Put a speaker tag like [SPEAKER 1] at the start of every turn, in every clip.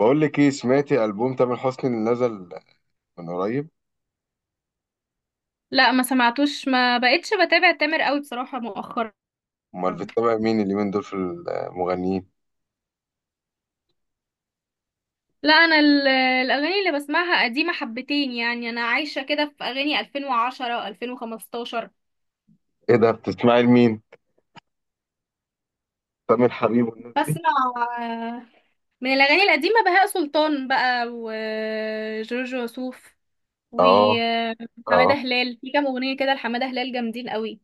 [SPEAKER 1] بقول لك ايه، سمعتي ألبوم تامر حسني اللي نزل من قريب؟
[SPEAKER 2] لا، ما سمعتوش، ما بقتش بتابع تامر قوي بصراحة مؤخرا.
[SPEAKER 1] امال بتتابع مين اليومين دول في المغنيين؟
[SPEAKER 2] لا، انا الاغاني اللي بسمعها قديمة حبتين، يعني انا عايشة كده في اغاني 2010 و2015.
[SPEAKER 1] ايه ده، بتسمعي لمين؟ تامر حبيب والناس دي؟
[SPEAKER 2] بسمع آه، من الاغاني القديمة بهاء سلطان بقى، وجورج وسوف،
[SPEAKER 1] اه. اه.
[SPEAKER 2] وحمادة هلال. في كام اغنية كده لحمادة هلال جامدين قوي.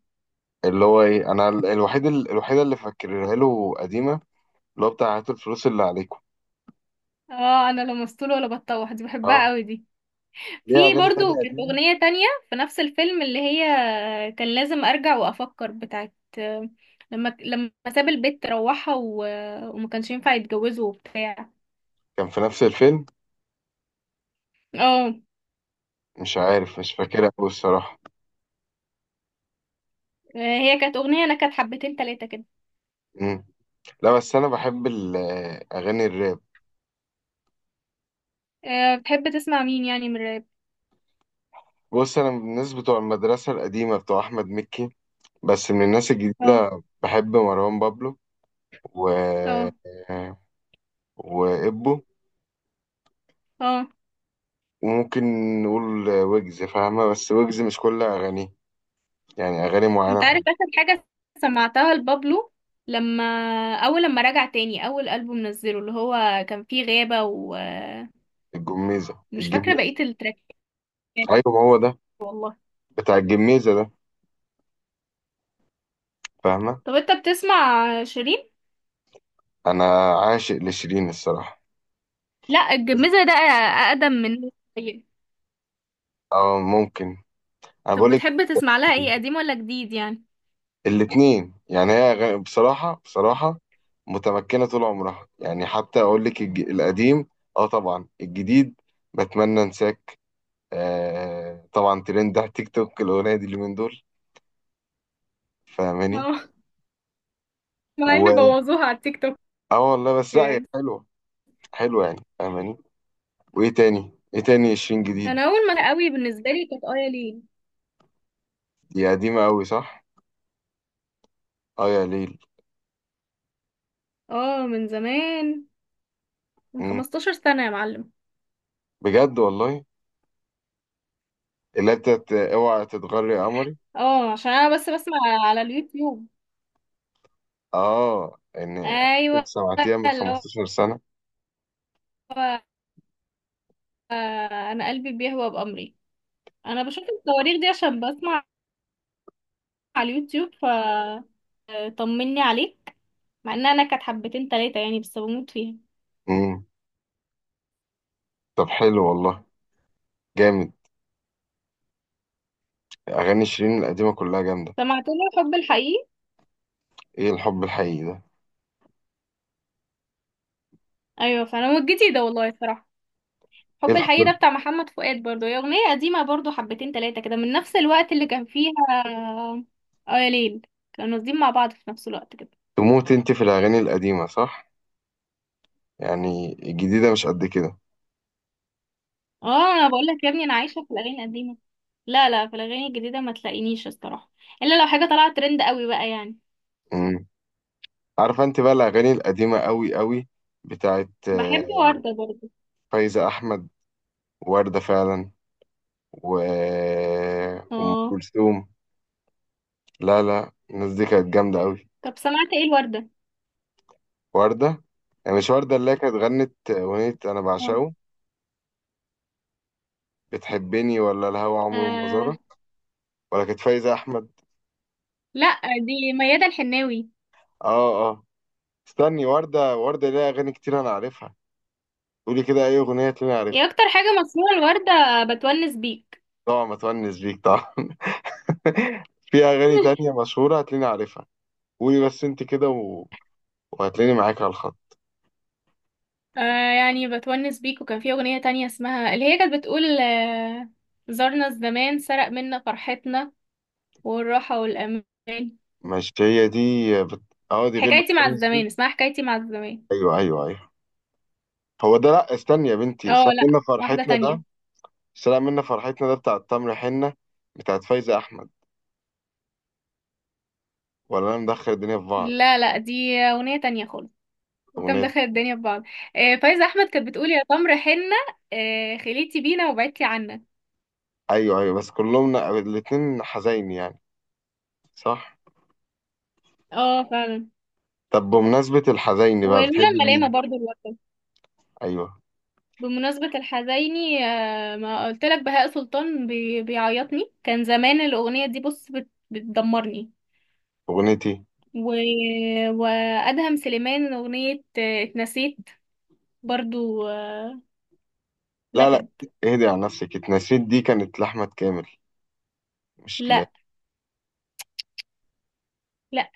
[SPEAKER 1] اللي هو ايه، انا الوحيده اللي فاكرها له قديمه، اللي هو بتاع هات الفلوس اللي عليكم.
[SPEAKER 2] اه، انا لا مسطول ولا بتطوح، دي بحبها
[SPEAKER 1] اه.
[SPEAKER 2] قوي دي. في
[SPEAKER 1] ليه اغاني تانية
[SPEAKER 2] برضو كانت
[SPEAKER 1] قديمه؟
[SPEAKER 2] أغنية تانية، في نفس الفيلم اللي هي كان لازم أرجع وأفكر بتاعت، لما ساب البيت روحها وما كانش ينفع يتجوزه وبتاع.
[SPEAKER 1] كان في نفس الفيلم؟
[SPEAKER 2] اه،
[SPEAKER 1] مش عارف، مش فاكرها قوي الصراحه.
[SPEAKER 2] هي كانت أغنية، أنا كانت حبتين تلاتة كده.
[SPEAKER 1] مم. لا بس انا بحب اغاني الراب.
[SPEAKER 2] بتحب تسمع مين يعني من الراب؟
[SPEAKER 1] بص، انا من الناس بتوع المدرسه القديمه بتوع احمد مكي، بس من الناس
[SPEAKER 2] اه،
[SPEAKER 1] الجديده بحب مروان بابلو و...
[SPEAKER 2] اه،
[SPEAKER 1] وإبو،
[SPEAKER 2] اه،
[SPEAKER 1] وممكن نقول ويجز، فاهمة؟ بس ويجز مش كل أغانيه، يعني أغاني معينة
[SPEAKER 2] انت عارف
[SPEAKER 1] بحب.
[SPEAKER 2] آخر حاجة سمعتها لبابلو، لما أول لما رجع تاني، أول ألبوم نزله اللي هو كان فيه غابة ومش
[SPEAKER 1] الجميزة
[SPEAKER 2] فاكرة
[SPEAKER 1] الجميزة.
[SPEAKER 2] بقية التراكات.
[SPEAKER 1] أيوة، ما هو ده
[SPEAKER 2] والله.
[SPEAKER 1] بتاع الجميزة ده، فاهمة؟
[SPEAKER 2] طب، انت بتسمع شيرين؟
[SPEAKER 1] أنا عاشق لشيرين الصراحة.
[SPEAKER 2] لا، الجميزة ده أقدم من. طيب.
[SPEAKER 1] أه ممكن. أنا
[SPEAKER 2] طب،
[SPEAKER 1] بقولك
[SPEAKER 2] بتحب تسمع لها ايه، قديم ولا جديد يعني؟
[SPEAKER 1] الاتنين يعني، هي أغاني بصراحة بصراحة متمكنة طول عمرها، يعني حتى أقول لك القديم، أه طبعا الجديد بتمنى أنساك، آه طبعا ترند على تيك توك الأغنية دي اليومين دول، فاهماني؟
[SPEAKER 2] اه، مع ان
[SPEAKER 1] و
[SPEAKER 2] بوظوها على التيك توك،
[SPEAKER 1] اه والله، بس لا هي
[SPEAKER 2] يعني.
[SPEAKER 1] حلوة. حلوة يعني، فاهماني؟ وايه تاني؟ ايه تاني عشرين جديد؟
[SPEAKER 2] انا اول ما قوي بالنسبه لي كانت ايا لين.
[SPEAKER 1] دي قديمة قوي، صح. اه يا ليل.
[SPEAKER 2] اه، من زمان، من
[SPEAKER 1] مم.
[SPEAKER 2] 15 سنه يا معلم.
[SPEAKER 1] بجد والله. اللي انت اوعى تتغري يا قمري.
[SPEAKER 2] اه، عشان انا بس بسمع على اليوتيوب.
[SPEAKER 1] اه، ان
[SPEAKER 2] ايوه،
[SPEAKER 1] سمعتيها من
[SPEAKER 2] اللي هو
[SPEAKER 1] 15 سنة.
[SPEAKER 2] انا قلبي بيهوى بامري. انا بشوف الصواريخ دي عشان بسمع على اليوتيوب، ف طمني عليك. مع ان انا كانت حبتين تلاتة يعني، بس بموت فيها.
[SPEAKER 1] مم. طب حلو والله، جامد. اغاني شيرين القديمة كلها جامدة.
[SPEAKER 2] سمعت له حب الحقيقي.
[SPEAKER 1] ايه الحب الحقيقي ده؟
[SPEAKER 2] ايوه، فانا هو الجديد ده والله الصراحه.
[SPEAKER 1] ايه
[SPEAKER 2] حب
[SPEAKER 1] الحب
[SPEAKER 2] الحقيقي ده بتاع
[SPEAKER 1] الحقيقي؟
[SPEAKER 2] محمد فؤاد برضو، هي اغنيه قديمه برضو حبتين تلاتة كده، من نفس الوقت اللي كان فيها اه يا ليل. كانوا قاصدين مع بعض في نفس الوقت كده.
[SPEAKER 1] تموت انت في الاغاني القديمة، صح؟ يعني الجديدة مش قد
[SPEAKER 2] اه، انا بقول لك يا ابني، انا عايشه في الاغاني القديمه. لا، لا، في الاغاني الجديده ما تلاقينيش الصراحه، الا لو حاجه طلعت ترند قوي بقى يعني.
[SPEAKER 1] كده؟ عارفه انت بقى الاغاني القديمه قوي قوي بتاعت
[SPEAKER 2] بحب ورده برضو.
[SPEAKER 1] فايزه احمد، وورده فعلا، و ام
[SPEAKER 2] اه.
[SPEAKER 1] كلثوم. لا لا، الناس دي كانت جامده قوي.
[SPEAKER 2] طب سمعت ايه الورده؟
[SPEAKER 1] ورده، يعني مش ورده اللي هي كانت غنت اغنيه انا
[SPEAKER 2] اه،
[SPEAKER 1] بعشقه بتحبني، ولا الهوى عمره ما
[SPEAKER 2] آه،
[SPEAKER 1] زارك، ولا كانت فايزه احمد؟
[SPEAKER 2] لا، دي ميادة الحناوي.
[SPEAKER 1] اه اه، استني. ورده ورده ليها اغاني كتير انا عارفها، قولي كده اي اغنيه تلاقيني
[SPEAKER 2] هي
[SPEAKER 1] عارفها.
[SPEAKER 2] اكتر حاجه مسموعه الورده بتونس بيك.
[SPEAKER 1] طبعا، ما تونس بيك طبعا. في اغاني تانية مشهوره هتلاقيني عارفها، قولي بس انت كده وهتلاقيني معاك على الخط.
[SPEAKER 2] آه يعني بتونس بيك، وكان في أغنية تانية اسمها، اللي هي كانت بتقول آه زارنا الزمان، سرق منا فرحتنا والراحة والأمان.
[SPEAKER 1] ماشي هي دي. بت... اه، دي غير
[SPEAKER 2] حكايتي مع
[SPEAKER 1] بتميز دي.
[SPEAKER 2] الزمان، اسمها حكايتي مع الزمان.
[SPEAKER 1] ايوه ايوه ايوه، هو ده. لا استني يا بنتي،
[SPEAKER 2] اه،
[SPEAKER 1] سلام
[SPEAKER 2] لا،
[SPEAKER 1] منا
[SPEAKER 2] واحدة
[SPEAKER 1] فرحتنا ده؟
[SPEAKER 2] تانية.
[SPEAKER 1] سلام منا فرحتنا ده بتاع التمر حنة بتاعت فايزة احمد، ولا انا مدخل الدنيا في بعض؟
[SPEAKER 2] لا، لا، دي أغنية تانية خالص. انت
[SPEAKER 1] اغنية.
[SPEAKER 2] مدخل الدنيا في بعض. فايزة أحمد كانت بتقول يا تمر حنة، آه خليتي بينا وبعدتي عنا.
[SPEAKER 1] ايوه ايوه، بس كلهم الاتنين حزين يعني، صح.
[SPEAKER 2] اه، فعلا.
[SPEAKER 1] طب بمناسبة الحزين بقى، بتحب
[SPEAKER 2] ولولا الملامة
[SPEAKER 1] مين؟
[SPEAKER 2] برضو الوقت.
[SPEAKER 1] ايوه،
[SPEAKER 2] بمناسبة الحزيني ما قلت لك بهاء سلطان بيعيطني، كان زمان الأغنية دي، بص بتدمرني،
[SPEAKER 1] اغنيتي.
[SPEAKER 2] و... وأدهم سليمان أغنية اتنسيت برضو
[SPEAKER 1] لا لا،
[SPEAKER 2] نكد.
[SPEAKER 1] اهدي على نفسك، اتنسيت دي كانت لأحمد كامل، مش ل...
[SPEAKER 2] لا، لا،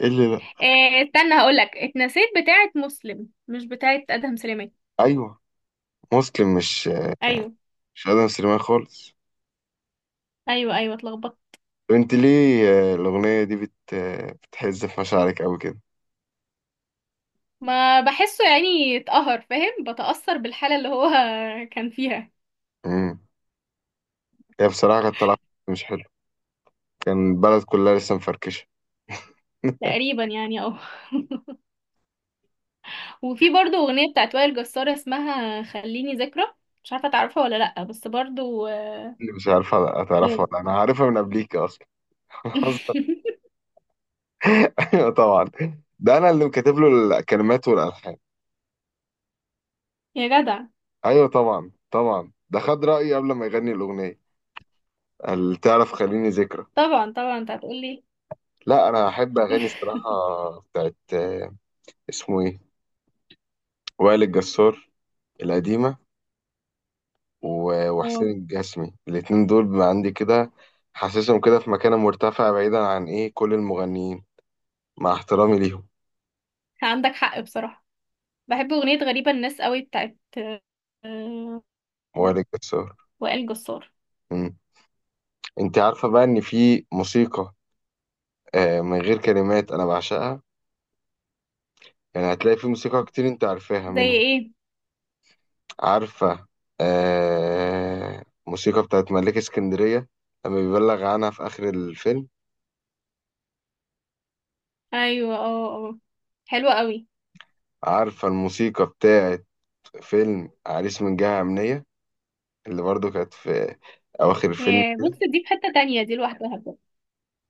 [SPEAKER 1] ايه اللي لا؟
[SPEAKER 2] استنى هقولك، اتنسيت بتاعت مسلم، مش بتاعت أدهم سليمان.
[SPEAKER 1] ايوه، مسلم، مش
[SPEAKER 2] أيوه،
[SPEAKER 1] مش ادم سليمان خالص.
[SPEAKER 2] أيوه، أيوه، اتلخبطت.
[SPEAKER 1] وانت ليه الأغنية دي بت آه، بتحز في مشاعرك أوي كده؟
[SPEAKER 2] ما بحسه يعني اتقهر فاهم، بتأثر بالحالة اللي هو كان فيها
[SPEAKER 1] امم هي بصراحة كانت طالعة مش حلو، كان البلد كلها لسه مفركشة.
[SPEAKER 2] تقريبا يعني. وفي برضو أغنية بتاعت وائل جسار اسمها خليني ذكرى. مش عارفة تعرفها ولا لأ، بس برضو.
[SPEAKER 1] اللي مش عارفة هتعرفها
[SPEAKER 2] ايوه.
[SPEAKER 1] ولا أنا عارفها من قبليك أصلا. أيوة طبعا، ده أنا اللي كاتب له الكلمات والألحان.
[SPEAKER 2] يا جدع.
[SPEAKER 1] أيوة طبعا طبعا، ده خد رأيي قبل ما يغني الأغنية، قال تعرف خليني ذكرى.
[SPEAKER 2] طبعا طبعا، انت هتقولي.
[SPEAKER 1] لا أنا أحب أغاني الصراحة بتاعت اسمه إيه، وائل الجسار، القديمة. وحسين
[SPEAKER 2] اه،
[SPEAKER 1] الجسمي، الاتنين دول بقى عندي كده، حاسسهم كده في مكان مرتفع بعيدا عن ايه كل المغنيين، مع احترامي ليهم.
[SPEAKER 2] عندك حق بصراحة. بحب أغنية غريبة الناس قوي بتاعت آه،
[SPEAKER 1] وائل جسار.
[SPEAKER 2] وائل جسار.
[SPEAKER 1] مم. انت عارفة بقى ان في موسيقى من غير كلمات انا بعشقها؟ يعني هتلاقي في موسيقى كتير انت عارفاها
[SPEAKER 2] زي
[SPEAKER 1] منهم.
[SPEAKER 2] ايه؟
[SPEAKER 1] عارفة موسيقى بتاعت ملاك اسكندرية لما بيبلغ عنها في اخر الفيلم؟
[SPEAKER 2] ايوه، اه، اه، حلوة قوي.
[SPEAKER 1] عارفة الموسيقى بتاعت فيلم عريس من جهة أمنية، اللي برضو كانت في أواخر الفيلم؟
[SPEAKER 2] يا بص، دي في حتة تانية، دي لوحدها بقى.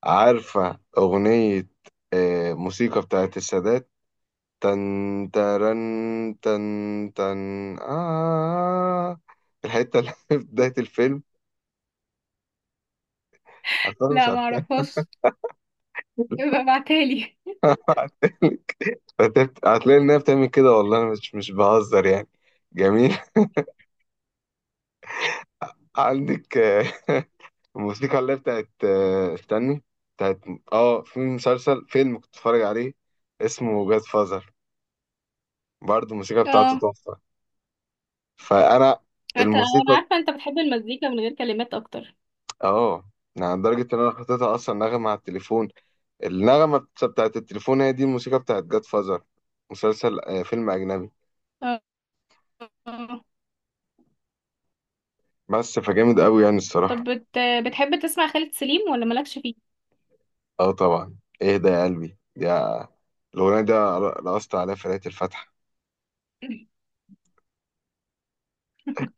[SPEAKER 1] عارفة أغنية موسيقى بتاعت السادات؟ تن ترن تن تن آه. الحتة اللي في بداية الفيلم، عارفها مش
[SPEAKER 2] لا،
[SPEAKER 1] عارفها؟
[SPEAKER 2] معرفهاش، يبقى ابعتهالي.
[SPEAKER 1] هتلاقي إنها بتعمل كده، والله أنا مش بهزر يعني، جميل. عندك الموسيقى اللي هي بتاعت استني، بتاعت في مسلسل فيلم كنت بتفرج عليه اسمه جاد فازر، برضه الموسيقى بتاعته
[SPEAKER 2] اه،
[SPEAKER 1] تحفة. فأنا
[SPEAKER 2] انا
[SPEAKER 1] الموسيقى،
[SPEAKER 2] عارفة انت بتحب المزيكا من غير كلمات اكتر.
[SPEAKER 1] اه يعني لدرجة إن أنا حطيتها أصلا نغمة على التليفون. النغمة بتاعت التليفون هي دي الموسيقى بتاعت جاد فازر. مسلسل فيلم أجنبي،
[SPEAKER 2] اه،
[SPEAKER 1] بس فجامد أوي يعني
[SPEAKER 2] طب
[SPEAKER 1] الصراحة.
[SPEAKER 2] بتحب تسمع خالد سليم ولا مالكش فيه؟
[SPEAKER 1] اه طبعا، اهدى يا قلبي يا، الأغنية دي رقصت عليها في ليلة الفتح.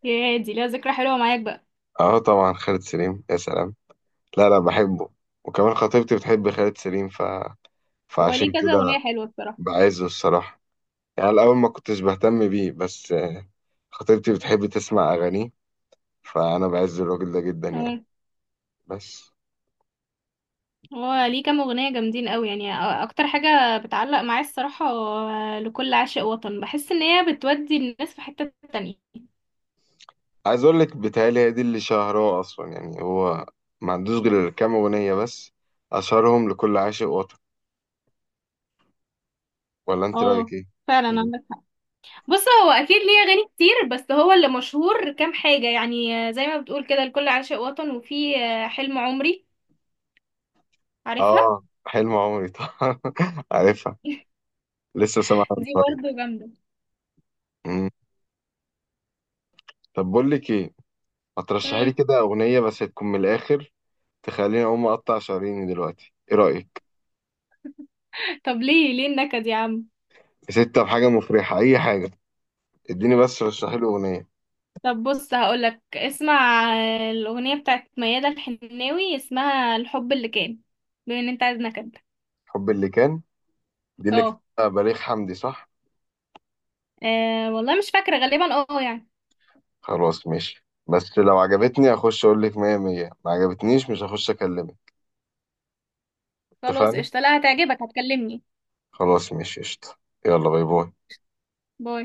[SPEAKER 2] يا دي ليها ذكرى حلوه معاك بقى.
[SPEAKER 1] اه طبعا، خالد سليم يا سلام. لا لا بحبه، وكمان خطيبتي بتحب خالد سليم
[SPEAKER 2] هو
[SPEAKER 1] فعشان
[SPEAKER 2] ليه كذا اغنيه
[SPEAKER 1] كده
[SPEAKER 2] حلوه بصراحه.
[SPEAKER 1] بعزه الصراحة. يعني الأول ما كنتش بهتم بيه، بس خطيبتي بتحب تسمع أغانيه، فأنا بعز الراجل ده جدا يعني.
[SPEAKER 2] تمام.
[SPEAKER 1] بس
[SPEAKER 2] هو ليه كام اغنيه جامدين قوي يعني، اكتر حاجه بتعلق معايا الصراحه لكل عاشق وطن، بحس ان هي بتودي الناس في حته تانية.
[SPEAKER 1] عايز اقول لك بيتهيألي هي دي اللي شهرها اصلا يعني، هو ما عندوش غير كام اغنيه بس، اشهرهم لكل عاشق وطن. ولا انت رايك
[SPEAKER 2] اه،
[SPEAKER 1] ايه؟
[SPEAKER 2] فعلا
[SPEAKER 1] إيه.
[SPEAKER 2] عندك حق. بص، هو اكيد ليه اغاني كتير، بس هو اللي مشهور كام حاجه يعني، زي ما بتقول كده لكل عاشق وطن، وفي حلم عمري، عارفها.
[SPEAKER 1] اه، حلم عمري طبعا. عارفها، لسه سامعها من
[SPEAKER 2] دي
[SPEAKER 1] قريب.
[SPEAKER 2] برضه جامده.
[SPEAKER 1] أمم. طب بقول لك ايه، ما ترشحي لي
[SPEAKER 2] مم.
[SPEAKER 1] كده اغنيه بس تكون من الاخر، تخليني اقوم اقطع شراييني دلوقتي، ايه رايك؟
[SPEAKER 2] طب، ليه النكد يا عم؟
[SPEAKER 1] يا ستة بحاجه مفرحه، اي حاجه، اديني بس رشحي لي اغنيه.
[SPEAKER 2] طب بص، هقولك اسمع الأغنية بتاعت ميادة الحناوي، اسمها الحب اللي كان، بما ان انت عايز نكد.
[SPEAKER 1] حب اللي كان، دي اللي
[SPEAKER 2] اه،
[SPEAKER 1] كتبها بليغ حمدي صح؟
[SPEAKER 2] والله مش فاكرة غالبا اه يعني.
[SPEAKER 1] خلاص ماشي، بس لو عجبتني هخش اقول لك مية مية، ما عجبتنيش مش هخش اكلمك،
[SPEAKER 2] خلاص
[SPEAKER 1] اتفقنا؟
[SPEAKER 2] قشطة، لا هتعجبك هتكلمني.
[SPEAKER 1] خلاص ماشي قشطة. يلا باي باي.
[SPEAKER 2] باي.